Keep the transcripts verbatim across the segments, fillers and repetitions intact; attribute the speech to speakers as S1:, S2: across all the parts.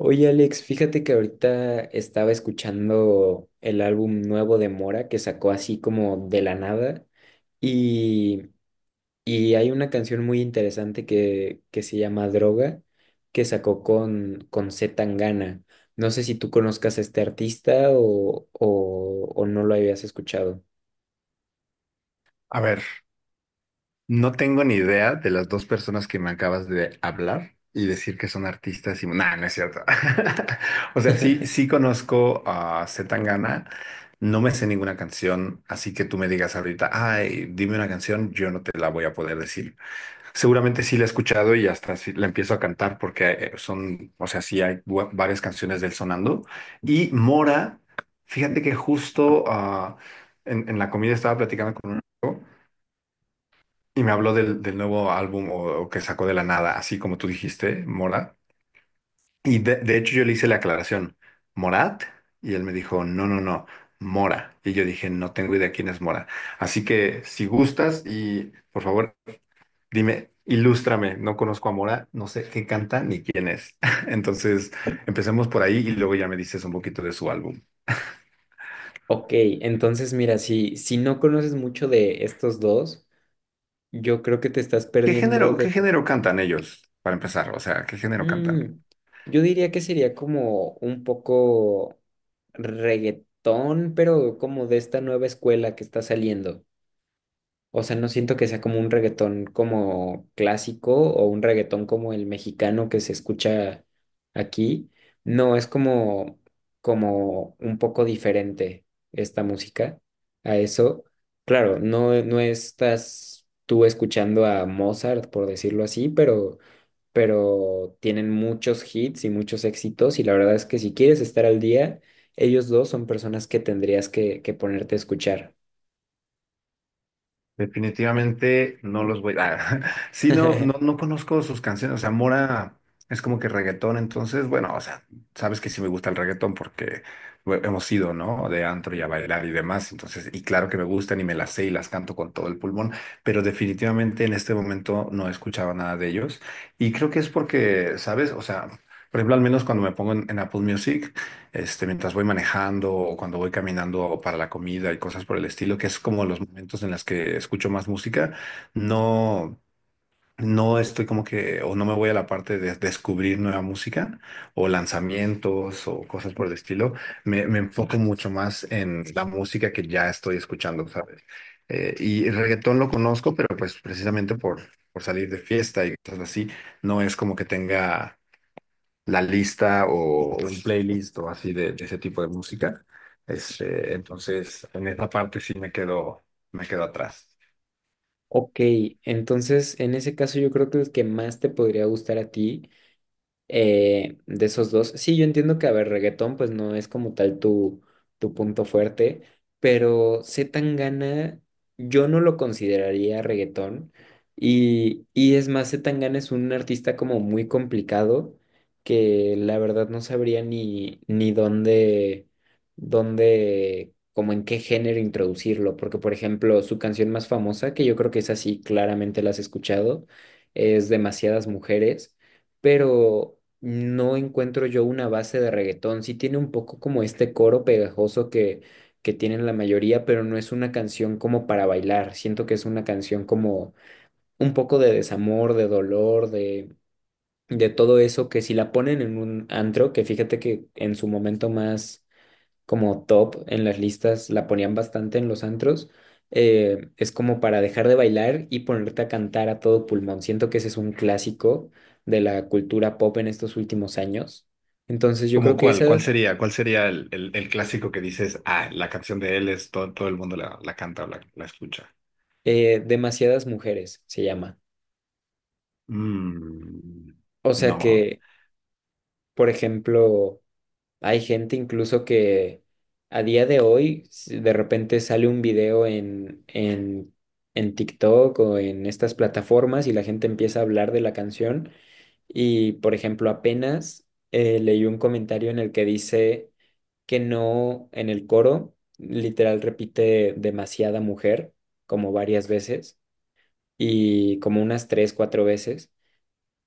S1: Oye, Alex, fíjate que ahorita estaba escuchando el álbum nuevo de Mora que sacó así como de la nada y, y hay una canción muy interesante que, que se llama Droga que sacó con, con C. Tangana. No sé si tú conozcas a este artista o, o, o no lo habías escuchado.
S2: A ver, no tengo ni idea de las dos personas que me acabas de hablar y decir que son artistas y... Nah, no es cierto. O sea, sí, sí conozco a Zetangana, no me sé ninguna canción, así que tú me digas ahorita, ay, dime una canción, yo no te la voy a poder decir. Seguramente sí la he escuchado y hasta sí la empiezo a cantar porque eh, son, o sea, sí hay bu- varias canciones del sonando. Y Mora, fíjate que justo ah, en, en la comida estaba platicando con un amigo y me habló del, del nuevo álbum o, o que sacó de la nada, así como tú dijiste, Morat. Y de, de hecho yo le hice la aclaración, Morat, y él me dijo, no, no, no, Mora. Y yo dije, no tengo idea quién es Mora. Así que si gustas y por favor, dime, ilústrame, no conozco a Mora, no sé qué canta ni quién es. Entonces, empecemos por ahí y luego ya me dices un poquito de su álbum.
S1: Ok, entonces mira, si, si no conoces mucho de estos dos, yo creo que te estás
S2: ¿Qué
S1: perdiendo
S2: género, qué
S1: de.
S2: género cantan ellos, para empezar? O sea, ¿qué género cantan?
S1: Mm, yo diría que sería como un poco reggaetón, pero como de esta nueva escuela que está saliendo. O sea, no siento que sea como un reggaetón como clásico o un reggaetón como el mexicano que se escucha aquí. No, es como, como un poco diferente esta música a eso. Claro, no, no estás tú escuchando a Mozart, por decirlo así, pero pero tienen muchos hits y muchos éxitos y la verdad es que si quieres estar al día, ellos dos son personas que tendrías que, que ponerte a escuchar.
S2: Definitivamente no los voy a... Sí, no, no, no conozco sus canciones. O sea, Mora es como que reggaetón, entonces, bueno, o sea, sabes que sí me gusta el reggaetón porque bueno, hemos ido, ¿no? De antro y a bailar y demás. Entonces, y claro que me gustan y me las sé y las canto con todo el pulmón, pero definitivamente en este momento no he escuchado nada de ellos. Y creo que es porque, ¿sabes? O sea, por ejemplo, al menos cuando me pongo en, en Apple Music este, mientras voy manejando o cuando voy caminando para la comida y cosas por el estilo, que es como los momentos en los que escucho más música, no, no estoy como que, o no me voy a la parte de descubrir nueva música o lanzamientos o cosas por el estilo, me, me enfoco mucho más en la música que ya estoy escuchando, ¿sabes? Eh, y el reggaetón lo conozco, pero pues precisamente por, por salir de fiesta y cosas así, no es como que tenga la lista o un playlist o así de, de ese tipo de música. Este, entonces, en esa parte sí me quedo, me quedo atrás.
S1: Ok, entonces en ese caso yo creo que el que más te podría gustar a ti, eh, de esos dos. Sí, yo entiendo que, a ver, reggaetón pues no es como tal tu, tu punto fuerte, pero C. Tangana, yo no lo consideraría reggaetón. Y, y es más, C. Tangana es un artista como muy complicado que la verdad no sabría ni, ni dónde, dónde, como en qué género introducirlo. Porque, por ejemplo, su canción más famosa, que yo creo que es así, claramente la has escuchado, es Demasiadas Mujeres, pero no encuentro yo una base de reggaetón. Sí tiene un poco como este coro pegajoso que, que tienen la mayoría, pero no es una canción como para bailar. Siento que es una canción como un poco de desamor, de dolor, de, de todo eso que si la ponen en un antro, que fíjate que en su momento más como top en las listas, la ponían bastante en los antros. Eh, es como para dejar de bailar y ponerte a cantar a todo pulmón. Siento que ese es un clásico de la cultura pop en estos últimos años. Entonces yo
S2: ¿Cómo
S1: creo que
S2: cuál? ¿Cuál
S1: esa,
S2: sería? ¿Cuál sería el, el- el clásico que dices, ah, la canción de él es todo, todo el mundo la, la canta o la, la escucha?
S1: eh, demasiadas mujeres se llama.
S2: Mm,
S1: O sea
S2: no.
S1: que, por ejemplo, hay gente incluso que a día de hoy, si de repente sale un video en, en, en TikTok o en estas plataformas, y la gente empieza a hablar de la canción. Y, por ejemplo, apenas eh, leí un comentario en el que dice que no, en el coro, literal repite demasiada mujer, como varias veces, y como unas tres, cuatro veces.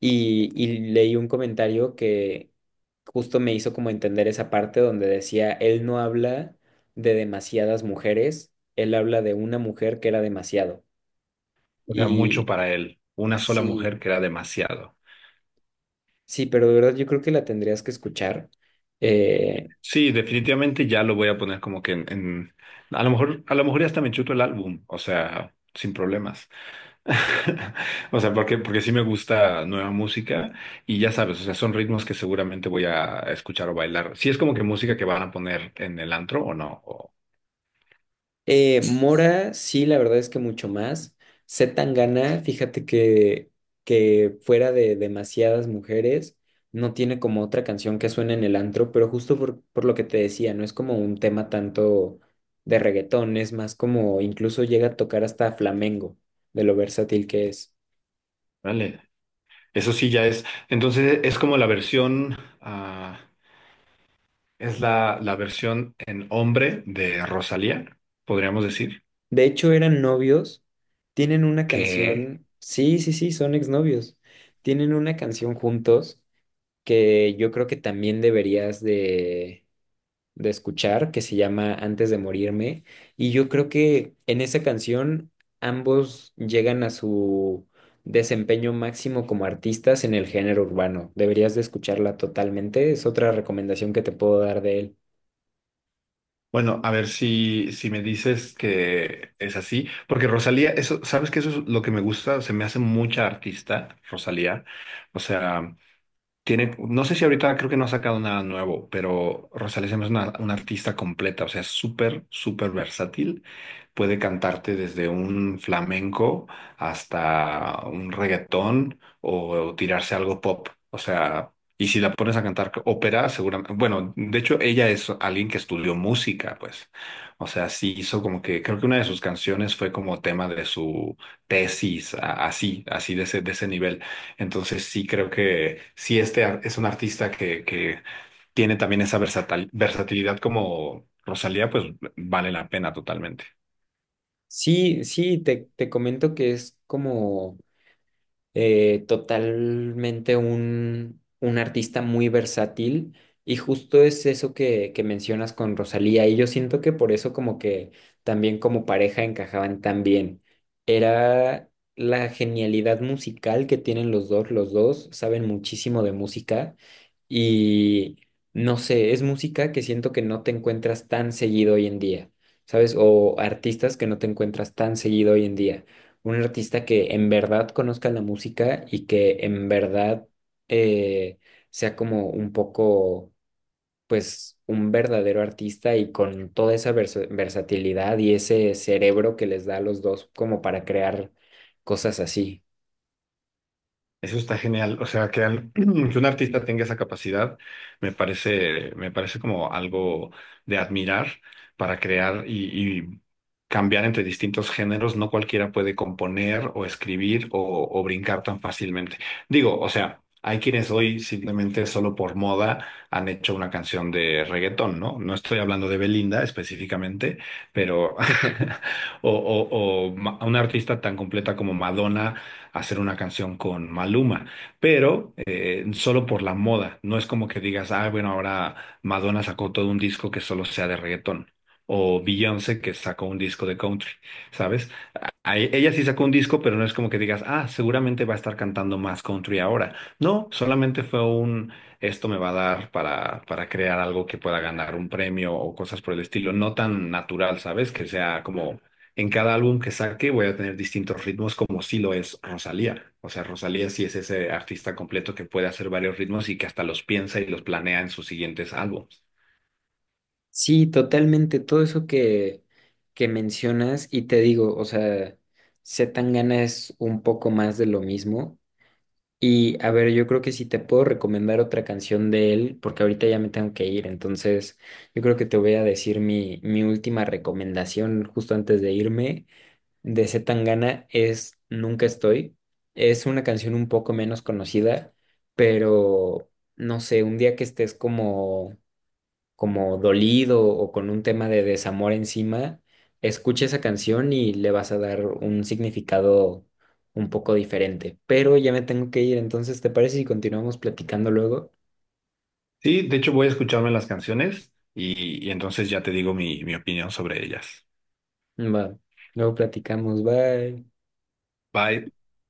S1: Y, y leí un comentario que justo me hizo como entender esa parte donde decía, él no habla de demasiadas mujeres, él habla de una mujer que era demasiado.
S2: O sea, mucho
S1: Y
S2: para él. Una sola
S1: sí,
S2: mujer que era demasiado.
S1: sí, pero de verdad yo creo que la tendrías que escuchar. Eh,
S2: Sí, definitivamente ya lo voy a poner como que en, en- a lo mejor, a lo mejor ya hasta me chuto el álbum, o sea, sin problemas. O sea, porque, porque sí me gusta nueva música y ya sabes, o sea, son ritmos que seguramente voy a escuchar o bailar. Si es como que música que van a poner en el antro o no. O-
S1: Eh, Mora, sí, la verdad es que mucho más. Tan gana, fíjate que, que fuera de demasiadas mujeres, no tiene como otra canción que suene en el antro, pero justo por, por lo que te decía, no es como un tema tanto de reggaetón, es más como incluso llega a tocar hasta flamenco de lo versátil que es.
S2: vale. Eso sí ya es. Entonces es como la versión, ah, es la, la versión en hombre de Rosalía, podríamos decir.
S1: De hecho, eran novios, tienen una
S2: Que,
S1: canción, sí, sí, sí, son exnovios, tienen una canción juntos que yo creo que también deberías de de escuchar, que se llama Antes de morirme. Y yo creo que en esa canción ambos llegan a su desempeño máximo como artistas en el género urbano. Deberías de escucharla totalmente. Es otra recomendación que te puedo dar de él.
S2: bueno, a ver si, si me dices que es así, porque Rosalía, eso, ¿sabes que eso es lo que me gusta? Se me hace mucha artista, Rosalía. O sea... Tiene, no sé si ahorita creo que no ha sacado nada nuevo, pero Rosalía se me hace una, una artista completa, o sea, es súper, súper versátil. Puede cantarte desde un flamenco hasta un reggaetón o, tirarse algo pop. O sea, y si la pones a cantar ópera, seguramente, bueno, de hecho ella es alguien que estudió música, pues. O sea, sí hizo como que, creo que una de sus canciones fue como tema de su tesis, a- así, así de ese, de ese nivel. Entonces sí creo que sí este ar- es un artista que, que tiene también esa versatil- versatilidad como Rosalía, pues vale la pena totalmente.
S1: Sí, sí, te, te comento que es como... eh, totalmente un, un artista muy versátil y justo es eso que, que mencionas con Rosalía, y yo siento que por eso como que también como pareja encajaban tan bien. Era la genialidad musical que tienen los dos, los dos saben muchísimo de música y no sé, es música que siento que no te encuentras tan seguido hoy en día. ¿Sabes? O artistas que no te encuentras tan seguido hoy en día, un artista que en verdad conozca la música y que en verdad eh, sea como un poco, pues, un verdadero artista y con toda esa versa- versatilidad y ese cerebro que les da a los dos como para crear cosas así.
S2: Eso está genial. O sea, que, al- que un artista tenga esa capacidad me parece, me parece como algo de admirar para crear y, y cambiar entre distintos géneros. No cualquiera puede componer o escribir o, o brincar tan fácilmente. Digo, o sea, hay quienes hoy simplemente solo por moda han hecho una canción de reggaetón, ¿no? No estoy hablando de Belinda específicamente, pero o, o, o ma- una artista tan completa como Madonna hacer una canción con Maluma, pero eh, solo por la moda. No es como que digas, ah, bueno, ahora Madonna sacó todo un disco que solo sea de reggaetón. O Beyoncé que sacó un disco de country, ¿sabes? A e- Ella sí sacó un disco, pero no es como que digas, ah, seguramente va a estar cantando más country ahora. No, solamente fue un, esto me va a dar para, para crear algo que pueda ganar un premio o cosas por el estilo. No tan natural, ¿sabes? Que sea como en cada álbum que saque voy a tener distintos ritmos como sí lo es Rosalía. O sea, Rosalía sí es ese artista completo que puede hacer varios ritmos y que hasta los piensa y los planea en sus siguientes álbumes.
S1: Sí, totalmente, todo eso que, que mencionas, y te digo, o sea, C. Tangana es un poco más de lo mismo. Y a ver, yo creo que si te puedo recomendar otra canción de él, porque ahorita ya me tengo que ir, entonces yo creo que te voy a decir mi, mi última recomendación justo antes de irme de C. Tangana es Nunca Estoy. Es una canción un poco menos conocida, pero no sé, un día que estés como como dolido o con un tema de desamor encima, escucha esa canción y le vas a dar un significado un poco diferente. Pero ya me tengo que ir, entonces, ¿te parece si continuamos platicando luego?
S2: Sí, de hecho voy a escucharme las canciones y, y entonces ya te digo mi mi opinión sobre ellas.
S1: Va, luego platicamos, bye.
S2: Bye.